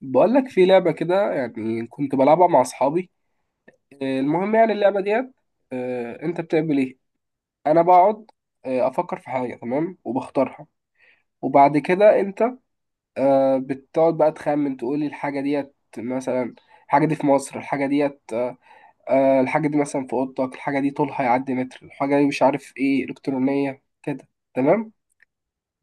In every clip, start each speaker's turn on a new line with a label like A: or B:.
A: بقول لك في لعبة كده، يعني كنت بلعبها مع أصحابي. المهم يعني اللعبة ديت. أنت بتعمل إيه؟ أنا بقعد أفكر في حاجة، تمام، وبختارها، وبعد كده أنت بتقعد بقى تخمن تقول لي الحاجة ديت مثلا. الحاجة دي في مصر، الحاجة ديت الحاجة دي مثلا في أوضتك، الحاجة دي طولها يعدي متر، الحاجة دي مش عارف إيه، إلكترونية كده. تمام؟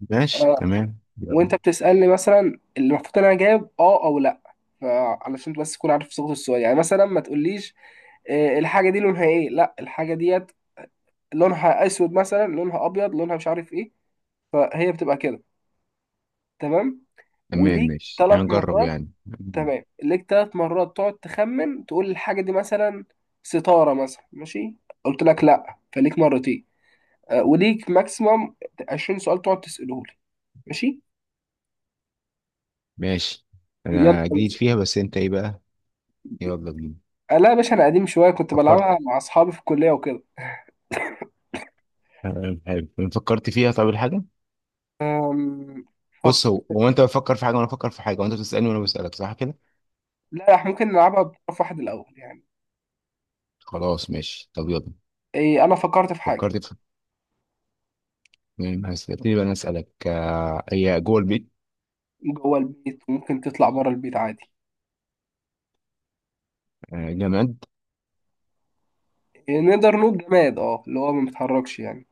B: ماشي
A: آه،
B: تمام يلا.
A: وانت بتسألني مثلا اللي المفروض انا جايب اه او لا، فعلشان بس تكون عارف صيغة السؤال. يعني مثلا ما تقوليش الحاجة دي لونها ايه. لا، الحاجة ديت لونها اسود مثلا، لونها ابيض، لونها مش عارف ايه. فهي بتبقى كده. تمام،
B: تمام
A: وليك
B: ماشي
A: ثلاث
B: هنجرب
A: مرات
B: يعني.
A: تمام، ليك 3 مرات تقعد تخمن تقول الحاجة دي. مثلا ستارة مثلا، ماشي، قلت لك لا، فليك مرتين. وليك ماكسيمم 20 سؤال تقعد تسأله لي. ماشي؟
B: ماشي،
A: يلا.
B: انا جديد فيها بس انت ايه بقى؟ يلا بينا.
A: لا يا باشا، انا قديم شويه، كنت
B: فكرت.
A: بلعبها مع اصحابي في الكليه وكده.
B: تمام حلو. فكرت فيها، طب الحاجة.
A: أم، فك...
B: بص، هو هو انت بتفكر في حاجة وانا بفكر في حاجة، وانت بتسألني وانا بسألك، صح كده؟
A: لا، احنا ممكن نلعبها بطرف واحد الاول يعني.
B: خلاص ماشي، طب يلا.
A: إيه، انا فكرت في حاجه.
B: فكرت في. تمام، هسألتني بقى انا اسألك، هي جوه البيت؟
A: جوه البيت وممكن تطلع بره البيت عادي.
B: جماد.
A: إيه، نقدر نقول جماد، اه، اللي هو ما بيتحركش يعني.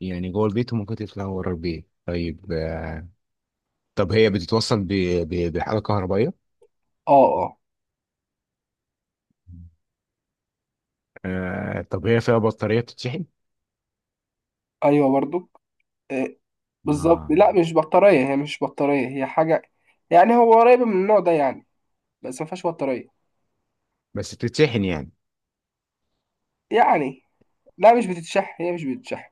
B: يعني جوه البيت وممكن تطلع ورا البيت. طيب طب هي بتتوصل بحاجة كهربائية؟
A: اه اه.
B: طب هي فيها بطارية بتتشحن؟
A: ايوه برضو. إيه، بالظبط.
B: آه.
A: لا، مش بطاريه، هي مش بطاريه، هي حاجه يعني هو قريبه من النوع ده يعني، بس ما فيهاش بطاريه.
B: بس بتتشحن يعني
A: يعني لا، مش بتتشح هي مش بتتشح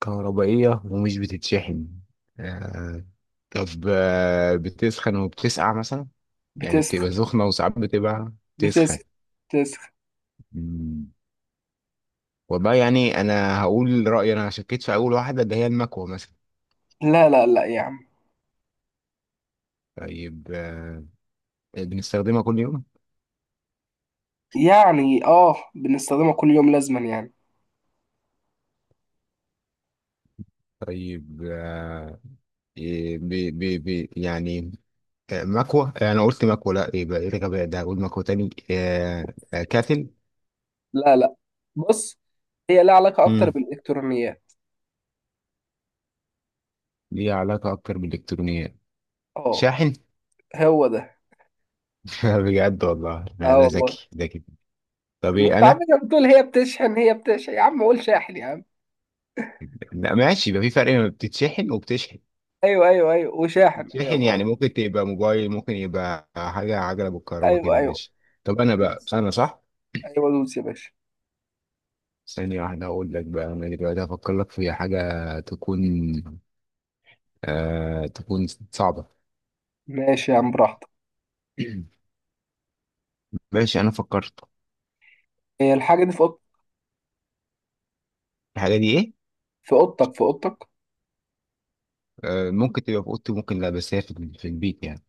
B: كهربائية ومش بتتشحن. آه. طب بتسخن وبتسقع مثلا؟ يعني
A: بتسخ
B: بتبقى سخنة، وساعات بتبقى
A: بتسخ
B: تسخن.
A: بتسخ
B: مم. والله يعني أنا هقول رأيي، أنا شكيت في أول واحدة اللي هي المكوة مثلا.
A: لا لا لا يا عم.
B: طيب بنستخدمها كل يوم؟
A: يعني اه، بنستخدمها كل يوم لازما يعني.
B: طيب إيه، بي بي بي يعني مكوة. أنا قلت مكوة لأ، يبقى إيه الغباء ده، هقول مكوة تاني؟ كاتل.
A: لا لا، بص، هي لها علاقة أكتر
B: مم.
A: بالإلكترونيات.
B: ليه علاقة أكتر بالإلكترونيات.
A: اه،
B: شاحن.
A: هو ده.
B: بجد والله لا،
A: اه
B: انا
A: والله.
B: ذكي ذكي. طب
A: ما
B: ايه
A: أنت عم
B: انا؟
A: بتقول هي بتشحن هي بتشحن. يا عم قول شاحن يا عم!
B: لا ماشي، يبقى في فرق ما بتتشحن وبتشحن.
A: أيوه أيوه أيوه، وشاحن، أيوه
B: بتشحن
A: فعلا.
B: يعني ممكن تبقى موبايل، ممكن يبقى حاجه عجله بالكهرباء
A: أيوه
B: كده.
A: أيوه.
B: ماشي. طب انا بقى،
A: ماشي.
B: انا صح.
A: أيوه دوس يا باشا.
B: ثانيه واحده اقول لك بقى، انا دلوقتي هفكر لك في حاجه تكون صعبه.
A: ماشي يا عم، براحتك.
B: ماشي انا فكرت.
A: هي الحاجة دي في
B: الحاجه دي ايه؟
A: في أوضتك، في أوضتك.
B: آه، ممكن تبقى في اوضتي، ممكن لا، بس هي في البيت يعني.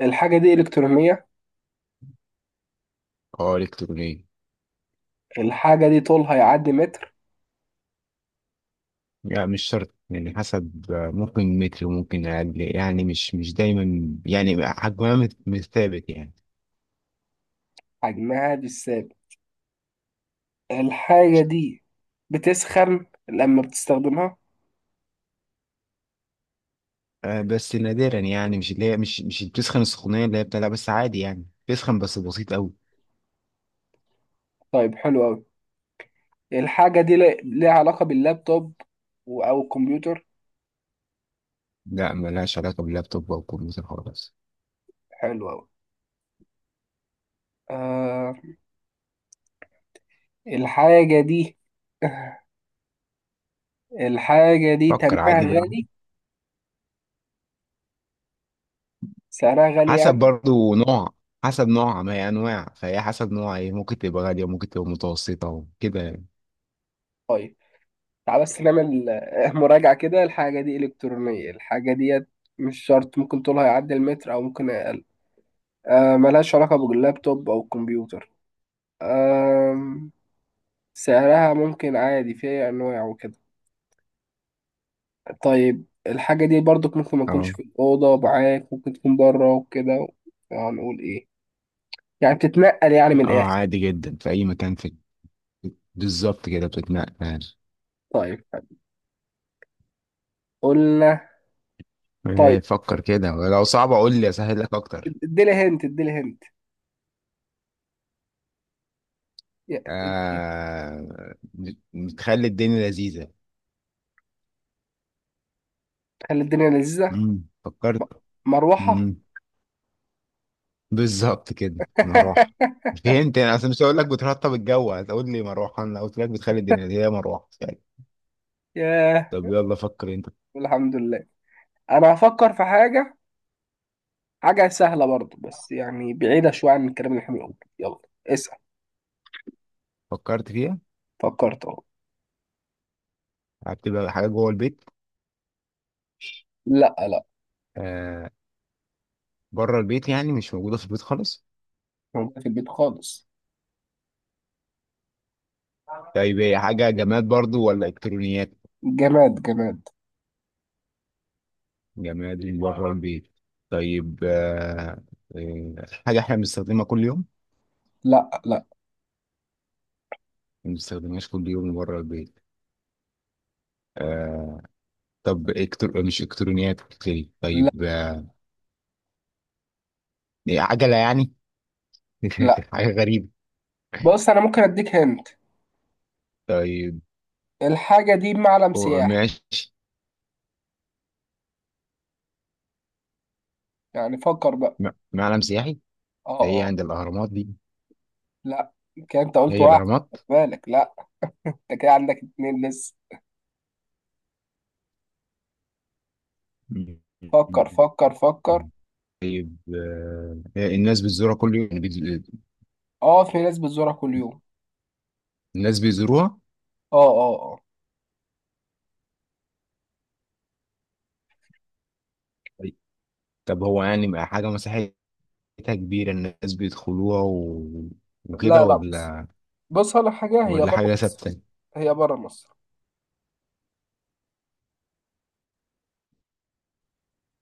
A: الحاجة دي إلكترونية،
B: اه، الكترونيه.
A: الحاجة دي طولها يعدي متر،
B: لا، مش شرط يعني، حسب، ممكن متر وممكن أقل، يعني مش دايما، يعني حجمها مش ثابت يعني.
A: حجمها مش ثابت، الحاجة دي بتسخن لما بتستخدمها.
B: بس نادرا يعني، مش اللي هي مش بتسخن السخونية اللي هي بتاع، لا، بس عادي يعني بتسخن بس بسيط أوي.
A: طيب، حلو أوي. الحاجة دي ليها علاقة باللابتوب أو الكمبيوتر.
B: لا، ملهاش علاقة باللابتوب أو الكمبيوتر خالص.
A: حلو أوي. آه، الحاجة دي الحاجة دي
B: فكر
A: تمنها
B: عادي براحتك.
A: غالي، سعرها غالي
B: حسب
A: يعني.
B: برضو نوع، حسب نوعها، ما هي أنواع، فهي حسب نوعها، إيه، ممكن تبقى غالية وممكن تبقى متوسطة وكده يعني.
A: طيب، تعال بس نعمل مراجعة كده. الحاجة دي إلكترونية، الحاجة دي مش شرط، ممكن طولها يعدي المتر أو ممكن أقل، آه ملهاش علاقة باللابتوب أو الكمبيوتر، آه سعرها ممكن عادي، فيها أنواع وكده. طيب الحاجة دي برضك ممكن ما تكونش
B: اه
A: في الأوضة معاك، ممكن تكون بره وكده. هنقول إيه؟ يعني بتتنقل يعني من
B: اه،
A: الآخر.
B: عادي جدا في أي مكان. في بالظبط كده بتتنقل.
A: طيب حلو. قلنا طيب،
B: إيه، فكر كده، لو صعب اقول لي اسهل لك اكتر.
A: اديلي هنت، اديلي هنت. يا- اد-
B: آه... نخلي الدنيا لذيذة.
A: خلي الدنيا لذيذة.
B: مم.
A: م-
B: فكرت.
A: مروحة.
B: مم. بالظبط كده، مروحة. فهمت، انا اصلا مش هقول لك بترطب الجو هتقول لي مروحة، انا قلت لك بتخلي الدنيا لذيذة، هي مروحة فعلا.
A: ياه،
B: طب يلا فكر انت.
A: الحمد لله. أنا هفكر في حاجة، حاجة سهلة برضه، بس يعني بعيدة شوية عن الكلام اللي احنا بنقوله. يلا اسأل.
B: فكرت فيها.
A: فكرت أهو.
B: هتبقى حاجة جوه البيت؟
A: لا لا.
B: آه... بره البيت يعني، مش موجودة في البيت خالص؟
A: موجودة في البيت خالص.
B: طيب هي حاجة جماد برضو ولا الكترونيات؟
A: جماد جماد.
B: جماد من بره البيت. طيب آه، حاجة احنا بنستخدمها كل يوم؟
A: لا لا
B: ما بنستخدمهاش كل يوم من بره البيت. آه. طب إكتر... مش إلكترونيات بتتكلم.
A: لا.
B: طيب إيه، عجلة يعني؟
A: لا،
B: حاجة غريبة.
A: بص، انا ممكن اديك هنت.
B: طيب
A: الحاجه دي معلم سياحي.
B: ماشي.
A: يعني فكر بقى.
B: معلم سياحي؟
A: اه
B: ده هي
A: اه.
B: عند الأهرامات دي؟
A: لا، كده انت قلت
B: هي
A: واحد.
B: الأهرامات؟
A: خد بالك، لا، انت كده عندك اتنين لسه.
B: م-
A: فكر فكر فكر.
B: طيب الناس بتزورها كل يوم يعني
A: اه، في ناس بتزورها كل يوم.
B: الناس بيزوروها؟
A: اه اه اه.
B: طيب، طب هو يعني حاجة مسيحية؟ حتة كبيرة الناس بيدخلوها و... وكده،
A: لا لا، بص،
B: ولا
A: بص على حاجه، هي
B: ولا
A: بره
B: حاجة
A: مصر.
B: ثابتة؟
A: هي بره مصر،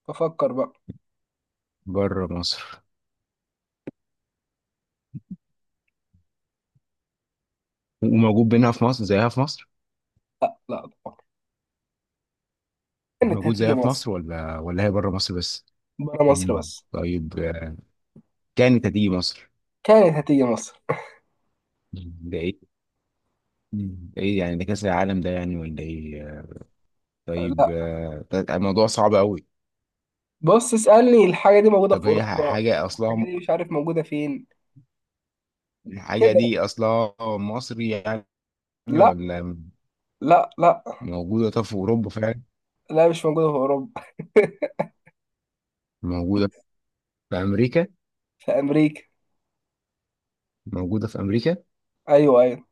A: ففكر بقى.
B: بره مصر، وموجود بينها في مصر زيها في مصر؟
A: لا لا طبعا. كانت
B: موجود
A: هتيجي
B: زيها في
A: مصر.
B: مصر ولا هي بره مصر بس؟
A: بره مصر
B: مم.
A: بس.
B: طيب كانت هتيجي مصر؟
A: كانت هتيجي مصر.
B: مم. ده ايه؟ مم. ده ايه يعني، ده كأس العالم ده يعني ولا ايه؟ طيب
A: لا،
B: ده الموضوع صعب قوي.
A: بص اسألني. الحاجه دي موجوده في
B: طب هي
A: اوروبا.
B: حاجة أصلها
A: الحاجه دي مش عارف موجوده فين
B: الحاجة
A: كده.
B: دي أصلها مصري يعني،
A: لا
B: ولا؟
A: لا. لا
B: موجودة طب في أوروبا فعلا؟
A: لا، مش موجودة في أوروبا.
B: موجودة في أمريكا.
A: في أمريكا.
B: موجودة في أمريكا؟
A: أيوه أيوه.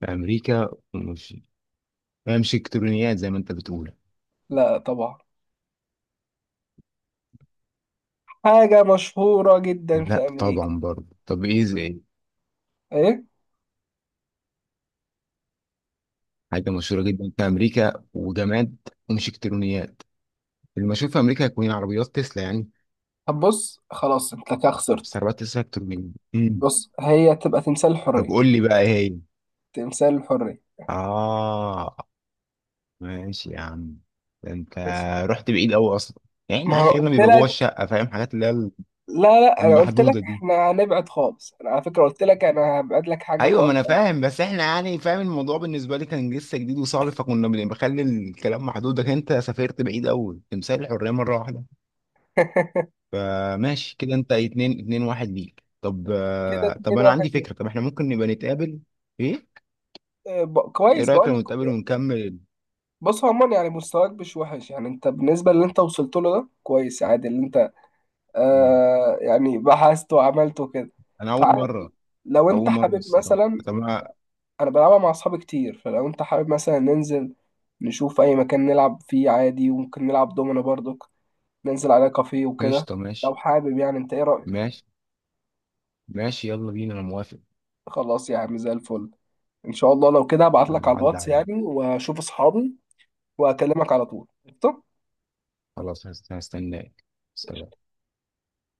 B: في امريكا مش، هي مش الكترونيات زي ما انت بتقول؟
A: لا طبعا. حاجة مشهورة جدا في
B: لا
A: أمريكا.
B: طبعا برضه، طب ايه زي إيه؟
A: إيه؟
B: حاجه مشهوره جدا في امريكا وجماد، ومش الكترونيات، اللي ما اشوف في امريكا هيكون عربيات تسلا يعني.
A: طب بص، خلاص أنت كده خسرت.
B: بس عربيات تسلا الكترونيه. امم.
A: بص، هي تبقى تمثال
B: طب
A: الحرية.
B: قول لي بقى ايه هي؟
A: تمثال الحرية.
B: اه، ماشي يا عم. ده انت
A: ماشي.
B: رحت بعيد قوي اصلا. يعني
A: ما
B: احنا
A: أنا
B: اخرنا
A: قلت
B: بيبقى جوه
A: لك.
B: الشقه، فاهم، حاجات اللي هي
A: لا لا، أنا قلت لك
B: المحدوده دي.
A: إحنا هنبعد خالص، أنا على فكرة قلت لك أنا هبعد لك حاجة
B: ايوه، ما انا
A: خالص أنا.
B: فاهم، بس احنا يعني، فاهم الموضوع، بالنسبه لي كان لسه جديد وصعب، فكنا بخلي الكلام محدود، لكن انت سافرت بعيد قوي، تمثال الحريه مره واحده. فماشي كده، انت اتنين، اتنين واحد ليك. طب
A: كده
B: طب
A: اتنين
B: انا
A: واحد
B: عندي
A: ليك.
B: فكره، طب احنا ممكن نبقى نتقابل؟ ايه، ايه
A: كويس
B: رايك
A: بقول لك.
B: لو نتقابل ونكمل؟
A: بص، عموما يعني مستواك مش وحش يعني، أنت بالنسبة اللي أنت وصلت له ده كويس عادي، اللي أنت آه يعني بحثت وعملته كده،
B: انا اول
A: فعادي.
B: مره.
A: لو
B: اول
A: انت
B: مره
A: حابب
B: الصراحه،
A: مثلا،
B: طب ما.
A: انا بلعبها مع اصحابي كتير، فلو انت حابب مثلا ننزل نشوف اي مكان نلعب فيه عادي، وممكن نلعب دومينو برضك، ننزل على كافيه وكده.
B: قشطه
A: لو
B: ماشي.
A: حابب يعني، انت ايه رأيك؟
B: ماشي. ماشي، يلا بينا، انا موافق.
A: خلاص يا عم، زي الفل. ان شاء الله لو كده هبعت لك
B: يلا
A: على
B: عدى
A: الواتس
B: عليا.
A: يعني، واشوف اصحابي، واكلمك على طول. قشطة؟
B: خلاص هستناك. سلام.